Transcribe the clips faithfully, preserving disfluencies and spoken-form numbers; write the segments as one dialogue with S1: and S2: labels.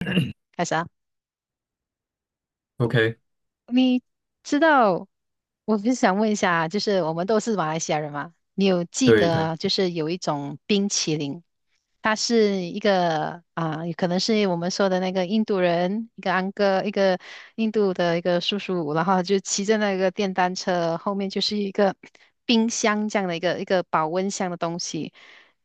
S1: 开始啊，
S2: OK，
S1: 你知道，我就想问一下啊，就是我们都是马来西亚人嘛，你有记
S2: 对对
S1: 得就是有一种冰淇淋，它是一个啊，可能是我们说的那个印度人，一个安哥，一个印度的一个叔叔，然后就骑着那个电单车，后面就是一个冰箱这样的一个一个保温箱的东西，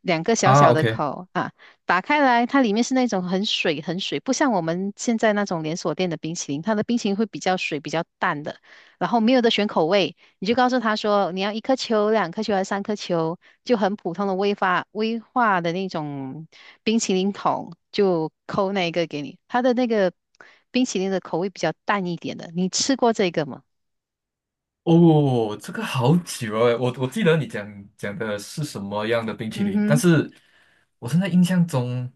S1: 两个小
S2: 啊
S1: 小的
S2: ，OK，
S1: 口啊，打开来，它里面是那种很水很水，不像我们现在那种连锁店的冰淇淋，它的冰淇淋会比较水比较淡的，然后没有的选口味，你就告诉他说你要一颗球、两颗球还是三颗球，就很普通的威发威化的那种冰淇淋桶，就扣那一个给你。它的那个冰淇淋的口味比较淡一点的，你吃过这个吗？
S2: 哦，这个好久哦，我我记得你讲讲的是什么样的冰淇
S1: 嗯
S2: 淋，但
S1: 哼。
S2: 是我现在印象中，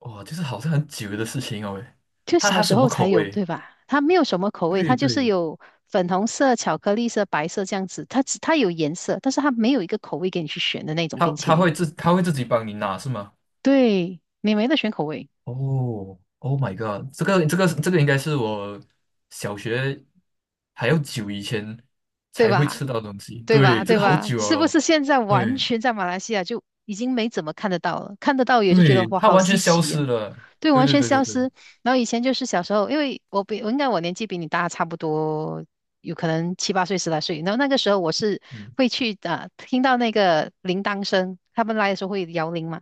S2: 哇，就是好像很久的事情哦喂，
S1: 就
S2: 它
S1: 小
S2: 它
S1: 时
S2: 什
S1: 候
S2: 么
S1: 才
S2: 口
S1: 有，
S2: 味？
S1: 对吧？它没有什么口味，它
S2: 对
S1: 就是
S2: 对，
S1: 有粉红色、巧克力色、白色这样子。它只它有颜色，但是它没有一个口味给你去选的那种
S2: 它
S1: 冰淇
S2: 它
S1: 淋。
S2: 会自它会自己帮你拿是吗？
S1: 对，你没得选口味，
S2: 哦，Oh my god，这个这个这个应该是我小学还要久以前
S1: 对
S2: 才会
S1: 吧？
S2: 吃到的东西，
S1: 对
S2: 对，
S1: 吧？
S2: 这
S1: 对
S2: 个好
S1: 吧？
S2: 久了
S1: 是不
S2: 咯
S1: 是现在完
S2: 对
S1: 全在马来西亚就已经没怎么看得到了？看得到也是觉得
S2: 对，
S1: 哇，
S2: 它
S1: 好
S2: 完全
S1: 稀
S2: 消
S1: 奇
S2: 失
S1: 呀、
S2: 了，
S1: 对，
S2: 对
S1: 完
S2: 对
S1: 全
S2: 对对
S1: 消
S2: 对。
S1: 失。然后以前就是小时候，因为我比我应该我年纪比你大差不多，有可能七八岁、十来岁。然后那个时候我是
S2: 嗯
S1: 会去啊、听到那个铃铛声，他们来的时候会摇铃嘛。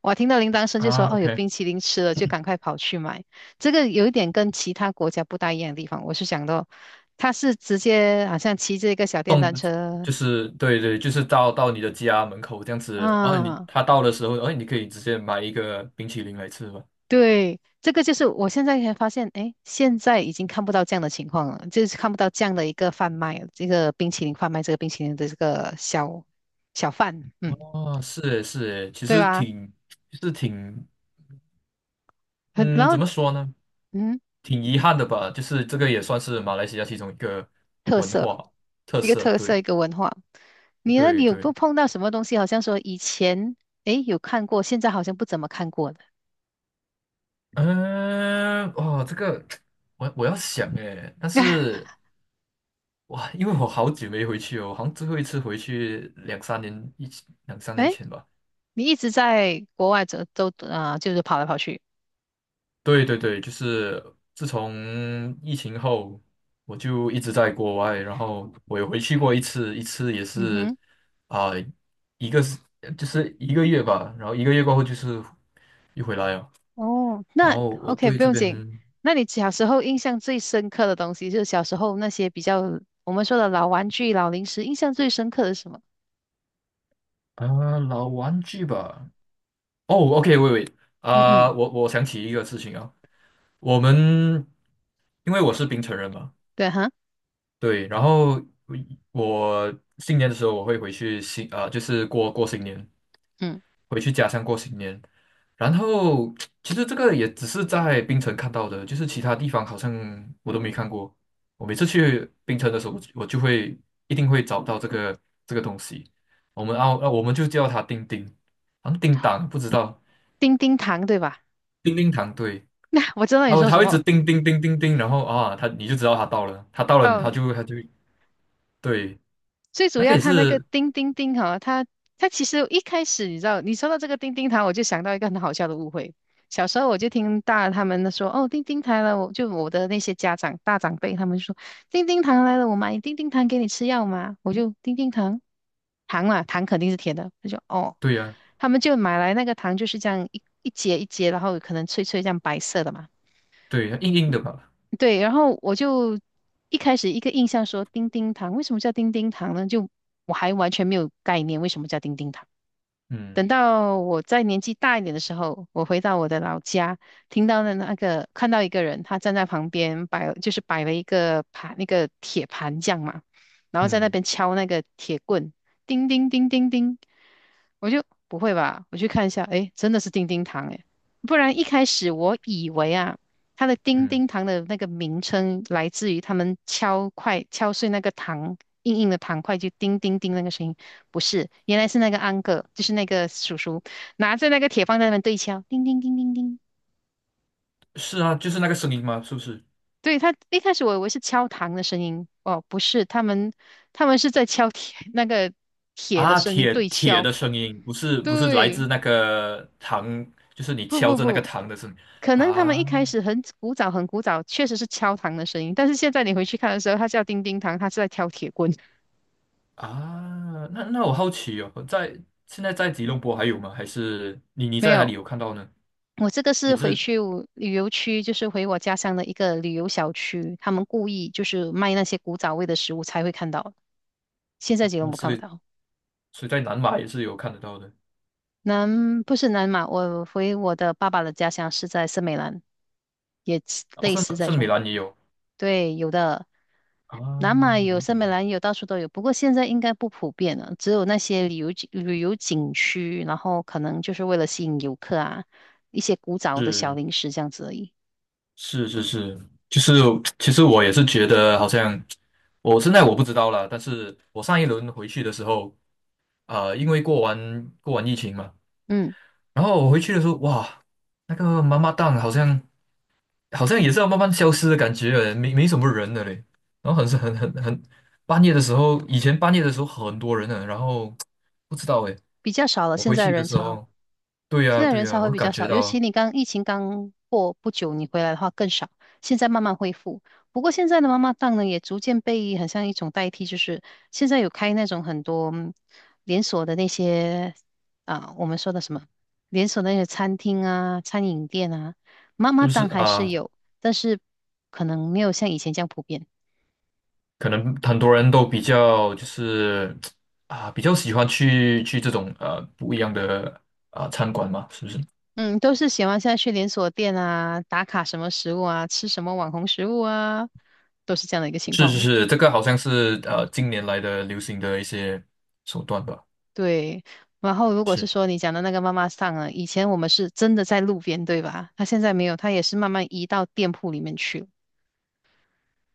S1: 我听到铃铛声就说
S2: 啊
S1: 哦，有
S2: ，OK，
S1: 冰淇淋吃了，就赶快跑去买。这个有一点跟其他国家不大一样的地方，我是想到，他是直接好像骑着一个小电单车
S2: 就是对对，就是到到你的家门口这样子，然后你
S1: 啊，
S2: 他到的时候，然后你可以直接买一个冰淇淋来吃吧。
S1: 对，这个就是我现在才发现，哎，现在已经看不到这样的情况了，就是看不到这样的一个贩卖，这个冰淇淋贩卖这个冰淇淋的这个小小贩，嗯，
S2: 哦，是诶是诶，其
S1: 对
S2: 实
S1: 吧？
S2: 挺就是挺
S1: 很，然
S2: 嗯，
S1: 后
S2: 怎么说呢？
S1: 嗯，
S2: 挺遗憾的吧，就是这个也算是马来西亚其中一个
S1: 特
S2: 文
S1: 色，
S2: 化特
S1: 一个
S2: 色。
S1: 特色，
S2: 对
S1: 一个文化。你呢？你
S2: 对
S1: 有不
S2: 对，
S1: 碰到什么东西？好像说以前哎有看过，现在好像不怎么看过的。
S2: 嗯，哇，这个 我我要想诶，但 是哇，因为我好久没回去哦，我好像最后一次回去两三年一两三年
S1: 哎，
S2: 前吧。
S1: 你一直在国外走都啊、就是跑来跑去。
S2: 对对对，就是自从疫情后，我就一直在国外，然后我也回去过一次，一次也
S1: 嗯
S2: 是
S1: 哼。
S2: 啊、一个是就是一个月吧，然后一个月过后就是又回来了，
S1: 哦，
S2: 然
S1: 那
S2: 后我
S1: OK，
S2: 对
S1: 不
S2: 这
S1: 用紧。
S2: 边
S1: 那你小时候印象最深刻的东西，就是小时候那些比较我们说的老玩具、老零食，印象最深刻的是什么？
S2: 啊、老玩具吧，哦，OK，喂喂
S1: 嗯嗯，
S2: 啊、我我想起一个事情啊，我们因为我是槟城人嘛。
S1: 对哈，
S2: 对，然后我新年的时候我会回去新啊、就是过过新年，
S1: 嗯，
S2: 回去家乡过新年。然后 其实这个也只是在槟城看到的，就是其他地方好像我都没看过。我每次去槟城的时候，我就我就会一定会找到这个这个东西。我们澳，啊我们就叫它叮叮，好像叮当，不知道
S1: 叮叮糖对吧？
S2: 叮叮糖，对，
S1: 那我知道你
S2: 它会
S1: 说
S2: 它
S1: 什
S2: 会一直
S1: 么。
S2: 叮叮叮叮叮，然后啊，它你就知道它到了，它到了，它
S1: 哦
S2: 就它就对，
S1: 最主
S2: 那个
S1: 要
S2: 也
S1: 它那个
S2: 是
S1: 叮叮叮哈，它它其实一开始你知道，你说到这个叮叮糖，我就想到一个很好笑的误会。小时候我就听大他们说，哦，叮叮糖来了，我就我的那些家长大长辈他们就说，叮叮糖来了，我买叮叮糖给你吃药吗？我就叮叮糖，糖嘛，糖肯定是甜的，他就哦，
S2: 对呀、
S1: 他们就买来那个糖就是这样一一节一节，然后可能脆脆这样白色的嘛。
S2: 对，硬硬的吧，
S1: 对，然后我就一开始一个印象说叮叮糖，为什么叫叮叮糖呢？就我还完全没有概念为什么叫叮叮糖。
S2: 嗯
S1: 等到我在年纪大一点的时候，我回到我的老家，听到的那个看到一个人，他站在旁边摆，就是摆了一个盘，那个铁盘匠嘛，然后在那
S2: 嗯
S1: 边敲那个铁棍，叮叮叮叮叮。我就不会吧？我去看一下，诶，真的是丁丁糖诶，不然一开始我以为啊，它的丁
S2: 嗯，
S1: 丁糖的那个名称来自于他们敲块敲碎那个糖硬硬的糖块就叮叮叮那个声音，不是，原来是那个安哥，就是那个叔叔拿着那个铁棒在那边对敲，叮叮叮叮叮。
S2: 是啊，就是那个声音吗？是不是？
S1: 对，他一开始我以为是敲糖的声音，哦，不是，他们他们是在敲铁那个铁的
S2: 啊，
S1: 声音
S2: 铁
S1: 对
S2: 铁
S1: 敲，
S2: 的声音，不是不是来
S1: 对，
S2: 自那个糖，就是你
S1: 不
S2: 敲
S1: 不
S2: 着那个
S1: 不。
S2: 糖的声音
S1: 可能他们一
S2: 啊
S1: 开始很古早很古早，确实是敲糖的声音，但是现在你回去看的时候，它叫叮叮糖，它是在挑铁棍。
S2: 啊。那那我好奇哦，在现在在吉隆坡还有吗？还是你你
S1: 没
S2: 在哪里
S1: 有，
S2: 有看到呢？
S1: 我这个是
S2: 也
S1: 回
S2: 是，
S1: 去我旅游区，就是回我家乡的一个旅游小区，他们故意就是卖那些古早味的食物才会看到，现在
S2: 啊
S1: 吉隆坡看
S2: 所
S1: 不
S2: 以
S1: 到。
S2: 所以在南马也是有看得到的，
S1: 南不是南马，我回我的爸爸的家乡是在森美兰，也
S2: 啊，
S1: 类
S2: 圣
S1: 似在
S2: 圣米
S1: 中国。
S2: 兰也有
S1: 对，有的，
S2: 啊，
S1: 南马有，
S2: 明白。
S1: 森美兰有，到处都有。不过现在应该不普遍了，只有那些旅游景旅游景区，然后可能就是为了吸引游客啊，一些古早的小
S2: 是
S1: 零食这样子而已。
S2: 是是是，就是其实我也是觉得好像我现在我不知道了，但是我上一轮回去的时候，呃，因为过完过完疫情嘛。
S1: 嗯，
S2: 然后我回去的时候，哇，那个妈妈档好像好像也是要慢慢消失的感觉了，没没什么人了嘞。然后很是很很很半夜的时候，以前半夜的时候很多人呢，然后不知道诶，
S1: 比较少了，
S2: 我
S1: 现
S2: 回
S1: 在
S2: 去的
S1: 人
S2: 时
S1: 潮。
S2: 候，对
S1: 现
S2: 呀
S1: 在
S2: 对
S1: 人
S2: 呀，
S1: 才会
S2: 我
S1: 比
S2: 感
S1: 较
S2: 觉
S1: 少，尤其
S2: 到
S1: 你刚疫情刚过不久，你回来的话更少。现在慢慢恢复，不过现在的妈妈档呢，也逐渐被很像一种代替，就是现在有开那种很多嗯连锁的那些啊，我们说的什么连锁的那些餐厅啊、餐饮店啊，妈
S2: 是
S1: 妈
S2: 不是
S1: 档还是
S2: 啊？
S1: 有，但是可能没有像以前这样普遍。
S2: 可能很多人都比较就是啊，比较喜欢去去这种呃不一样的啊餐馆嘛，是不是？
S1: 嗯，都是喜欢现在去连锁店啊，打卡什么食物啊，吃什么网红食物啊，都是这样的一个情
S2: 是
S1: 况
S2: 是
S1: 哦。
S2: 是，这个好像是呃近年来的流行的一些手段吧。
S1: 对，然后如果是说你讲的那个妈妈桑啊，以前我们是真的在路边，对吧？她现在没有，她也是慢慢移到店铺里面去了。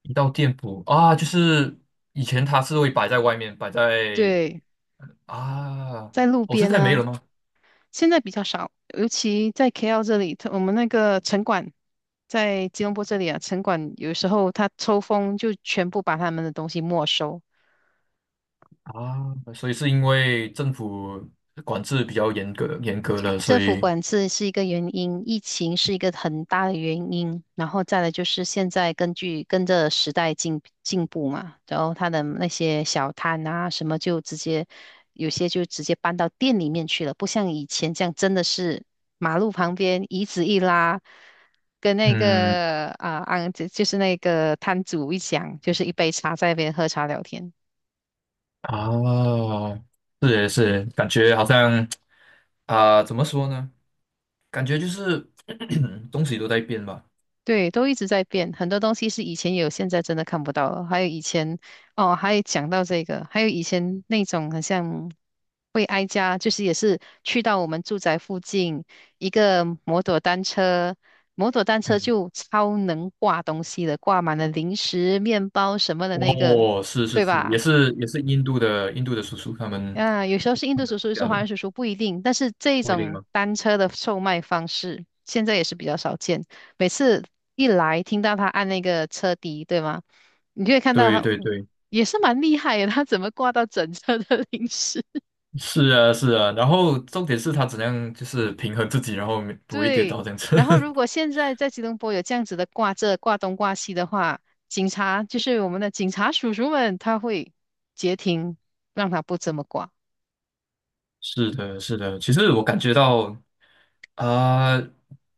S2: 一道店铺啊，就是以前它是会摆在外面，摆在
S1: 对，
S2: 啊，
S1: 在路
S2: 我、现
S1: 边
S2: 在没有
S1: 呢，
S2: 了吗？
S1: 现在比较少，尤其在 K L 这里，它我们那个城管在吉隆坡这里啊，城管有时候他抽风就全部把他们的东西没收，
S2: 啊，所以是因为政府管制比较严格，严格了，所
S1: 政府
S2: 以
S1: 管制是一个原因，疫情是一个很大的原因，然后再来就是现在根据跟着时代进进步嘛，然后他的那些小摊啊什么就直接有些就直接搬到店里面去了，不像以前这样真的是马路旁边椅子一拉，跟那
S2: 嗯
S1: 个啊啊就就是那个摊主一讲，就是一杯茶在那边喝茶聊天。
S2: 啊，是耶是耶，感觉好像啊，怎么说呢？感觉就是 东西都在变吧。
S1: 对，都一直在变，很多东西是以前有，现在真的看不到了。还有以前，哦，还有讲到这个，还有以前那种很像会哀家，就是也是去到我们住宅附近一个摩托单车，摩托单车
S2: 嗯，
S1: 就超能挂东西的，挂满了零食、面包什么的那个，
S2: 哦，是是
S1: 对
S2: 是，也
S1: 吧？
S2: 是也是印度的印度的叔叔他们
S1: 嗯，有时候是印度叔叔，有时
S2: 家
S1: 候
S2: 的
S1: 华人
S2: 吧？
S1: 叔叔不一定，但是这一
S2: 不一定
S1: 种
S2: 吗？
S1: 单车的售卖方式现在也是比较少见。每次一来，听到他按那个车笛，对吗？你就会看到
S2: 对
S1: 他
S2: 对对。
S1: 也是蛮厉害的，他怎么挂到整车的零食？
S2: 是啊，是啊，然后重点是他怎样就是平衡自己，然后没不会跌
S1: 对。
S2: 倒这样子。
S1: 然后如 果现在在吉隆坡有这样子的挂这挂东挂西的话，警察就是我们的警察叔叔们，他会截停，让他不这么挂。
S2: 是的，是的，其实我感觉到啊、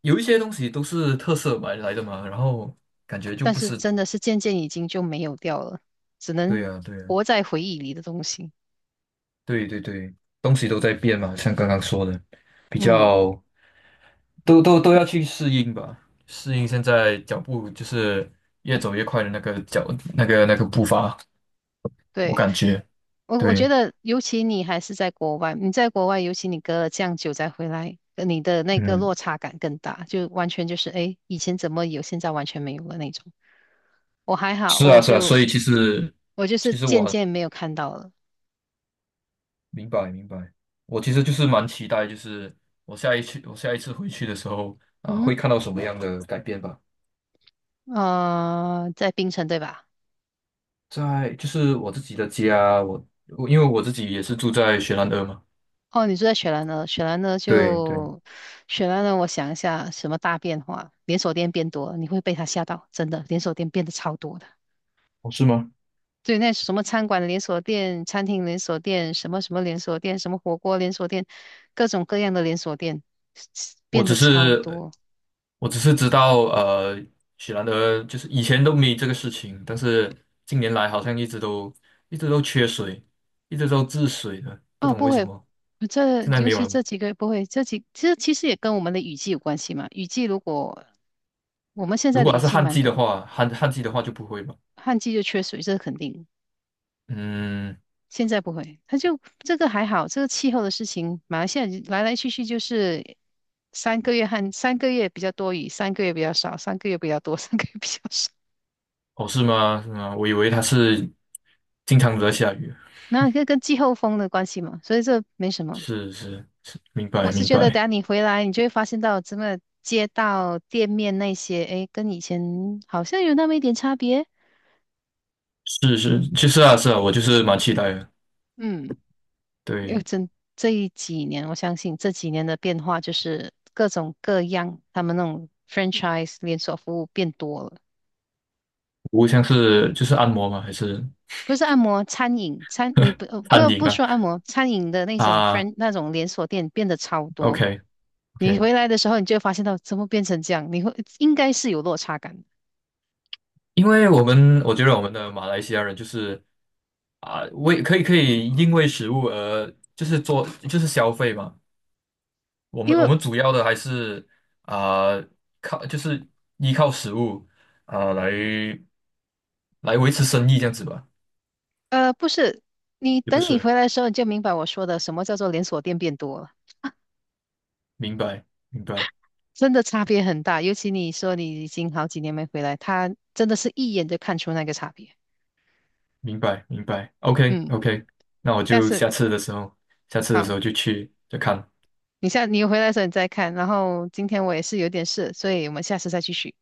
S2: 有一些东西都是特色买来的嘛，然后感觉就
S1: 但
S2: 不
S1: 是
S2: 是，
S1: 真的是渐渐已经就没有掉了，只
S2: 对
S1: 能
S2: 啊，对啊，
S1: 活在回忆里的东西。
S2: 对对对，东西都在变嘛，像刚刚说的，比
S1: 嗯，
S2: 较都都都要去适应吧，适应现在脚步就是越走越快的那个脚那个那个步伐，我
S1: 对，
S2: 感觉
S1: 我我觉
S2: 对，
S1: 得，尤其你还是在国外，你在国外，尤其你隔了这样久再回来，呃你的那个
S2: 嗯。
S1: 落差感更大，就完全就是，哎，以前怎么有，现在完全没有了那种。我还好，
S2: 是
S1: 我
S2: 啊，是啊，
S1: 就
S2: 所以其实
S1: 我就是
S2: 其实我
S1: 渐
S2: 很
S1: 渐没有看到了。
S2: 明白明白，我其实就是蛮期待，就是我下一次我下一次回去的时候啊，
S1: 嗯，
S2: 会看到什么样的改变吧。
S1: 呃，在槟城对吧？
S2: 在就是我自己的家，我我因为我自己也是住在雪兰莪嘛，
S1: 哦，你住在雪兰呢？雪兰呢？
S2: 对对，
S1: 就雪兰呢？我想一下，什么大变化？连锁店变多了你会被它吓到，真的，连锁店变得超多的。
S2: 哦是吗？
S1: 对，那什么餐馆连锁店、餐厅连锁店、什么什么连锁店、什么火锅连锁店，各种各样的连锁店
S2: 我
S1: 变
S2: 只
S1: 得超
S2: 是
S1: 多。
S2: 我只是知道呃，雪兰莪就是以前都没这个事情，但是近年来好像一直都一直都缺水，一直都治水的，不
S1: 哦，
S2: 懂
S1: 不
S2: 为什
S1: 会，
S2: 么
S1: 这
S2: 现在
S1: 尤
S2: 没有
S1: 其
S2: 了。
S1: 这几个不会，这几这其实也跟我们的雨季有关系嘛。雨季如果我们现
S2: 如
S1: 在的
S2: 果它
S1: 雨
S2: 是
S1: 季
S2: 旱
S1: 蛮
S2: 季的
S1: 多，
S2: 话，旱旱季的话就不会吧？
S1: 旱季就缺水，这是肯定。
S2: 嗯，
S1: 现在不会，他就这个还好，这个气候的事情，马来西亚来来去去就是三个月和三个月比较多雨，三个月比较少，三个月比较多，三个月比较少。
S2: 哦，是吗？是吗？我以为它是经常都在下雨。
S1: 那这跟季候风的关系嘛，所以这没什么。
S2: 是是是，明
S1: 我
S2: 白
S1: 是
S2: 明
S1: 觉得，等
S2: 白。
S1: 下你回来，你就会发现到真的街道、店面那些，哎，跟以前好像有那么一点差别。
S2: 是是，其实啊是啊，我就是蛮期待的。
S1: 嗯，因为
S2: 对，
S1: 真这一几年，我相信这几年的变化就是各种各样，他们那种 franchise 连锁服务变多了。
S2: 无像是就是按摩吗？还是
S1: 不是按摩，餐饮餐你不呃
S2: 餐
S1: 不
S2: 饮
S1: 不
S2: 啊？
S1: 说按摩，餐饮的那种
S2: 啊
S1: friend 那种连锁店变得超多。
S2: ，OK
S1: 你
S2: OK，
S1: 回来的时候，你就会发现到怎么变成这样，你会应该是有落差感的
S2: 因为我们我觉得我们的马来西亚人就是啊，为可以可以因为食物而就是做就是消费嘛。我
S1: 因
S2: 们我
S1: 为
S2: 们主要的还是啊、靠就是依靠食物啊、来来维持生意这样子吧，
S1: 呃不是你
S2: 也不
S1: 等你
S2: 是，
S1: 回来的时候，你就明白我说的什么叫做连锁店变多了，
S2: 明白明白
S1: 真的差别很大。尤其你说你已经好几年没回来，他真的是一眼就看出那个差别。
S2: 明白明白，OK
S1: 嗯，
S2: OK，那我
S1: 下
S2: 就
S1: 次
S2: 下次的时候，下次的时
S1: 好，
S2: 候就去再看，
S1: 你下你回来的时候你再看，然后今天我也是有点事，所以我们下次再继续。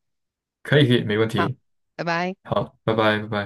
S2: 可以可以，没问
S1: 好，
S2: 题，
S1: 拜拜。
S2: 好，拜拜拜拜。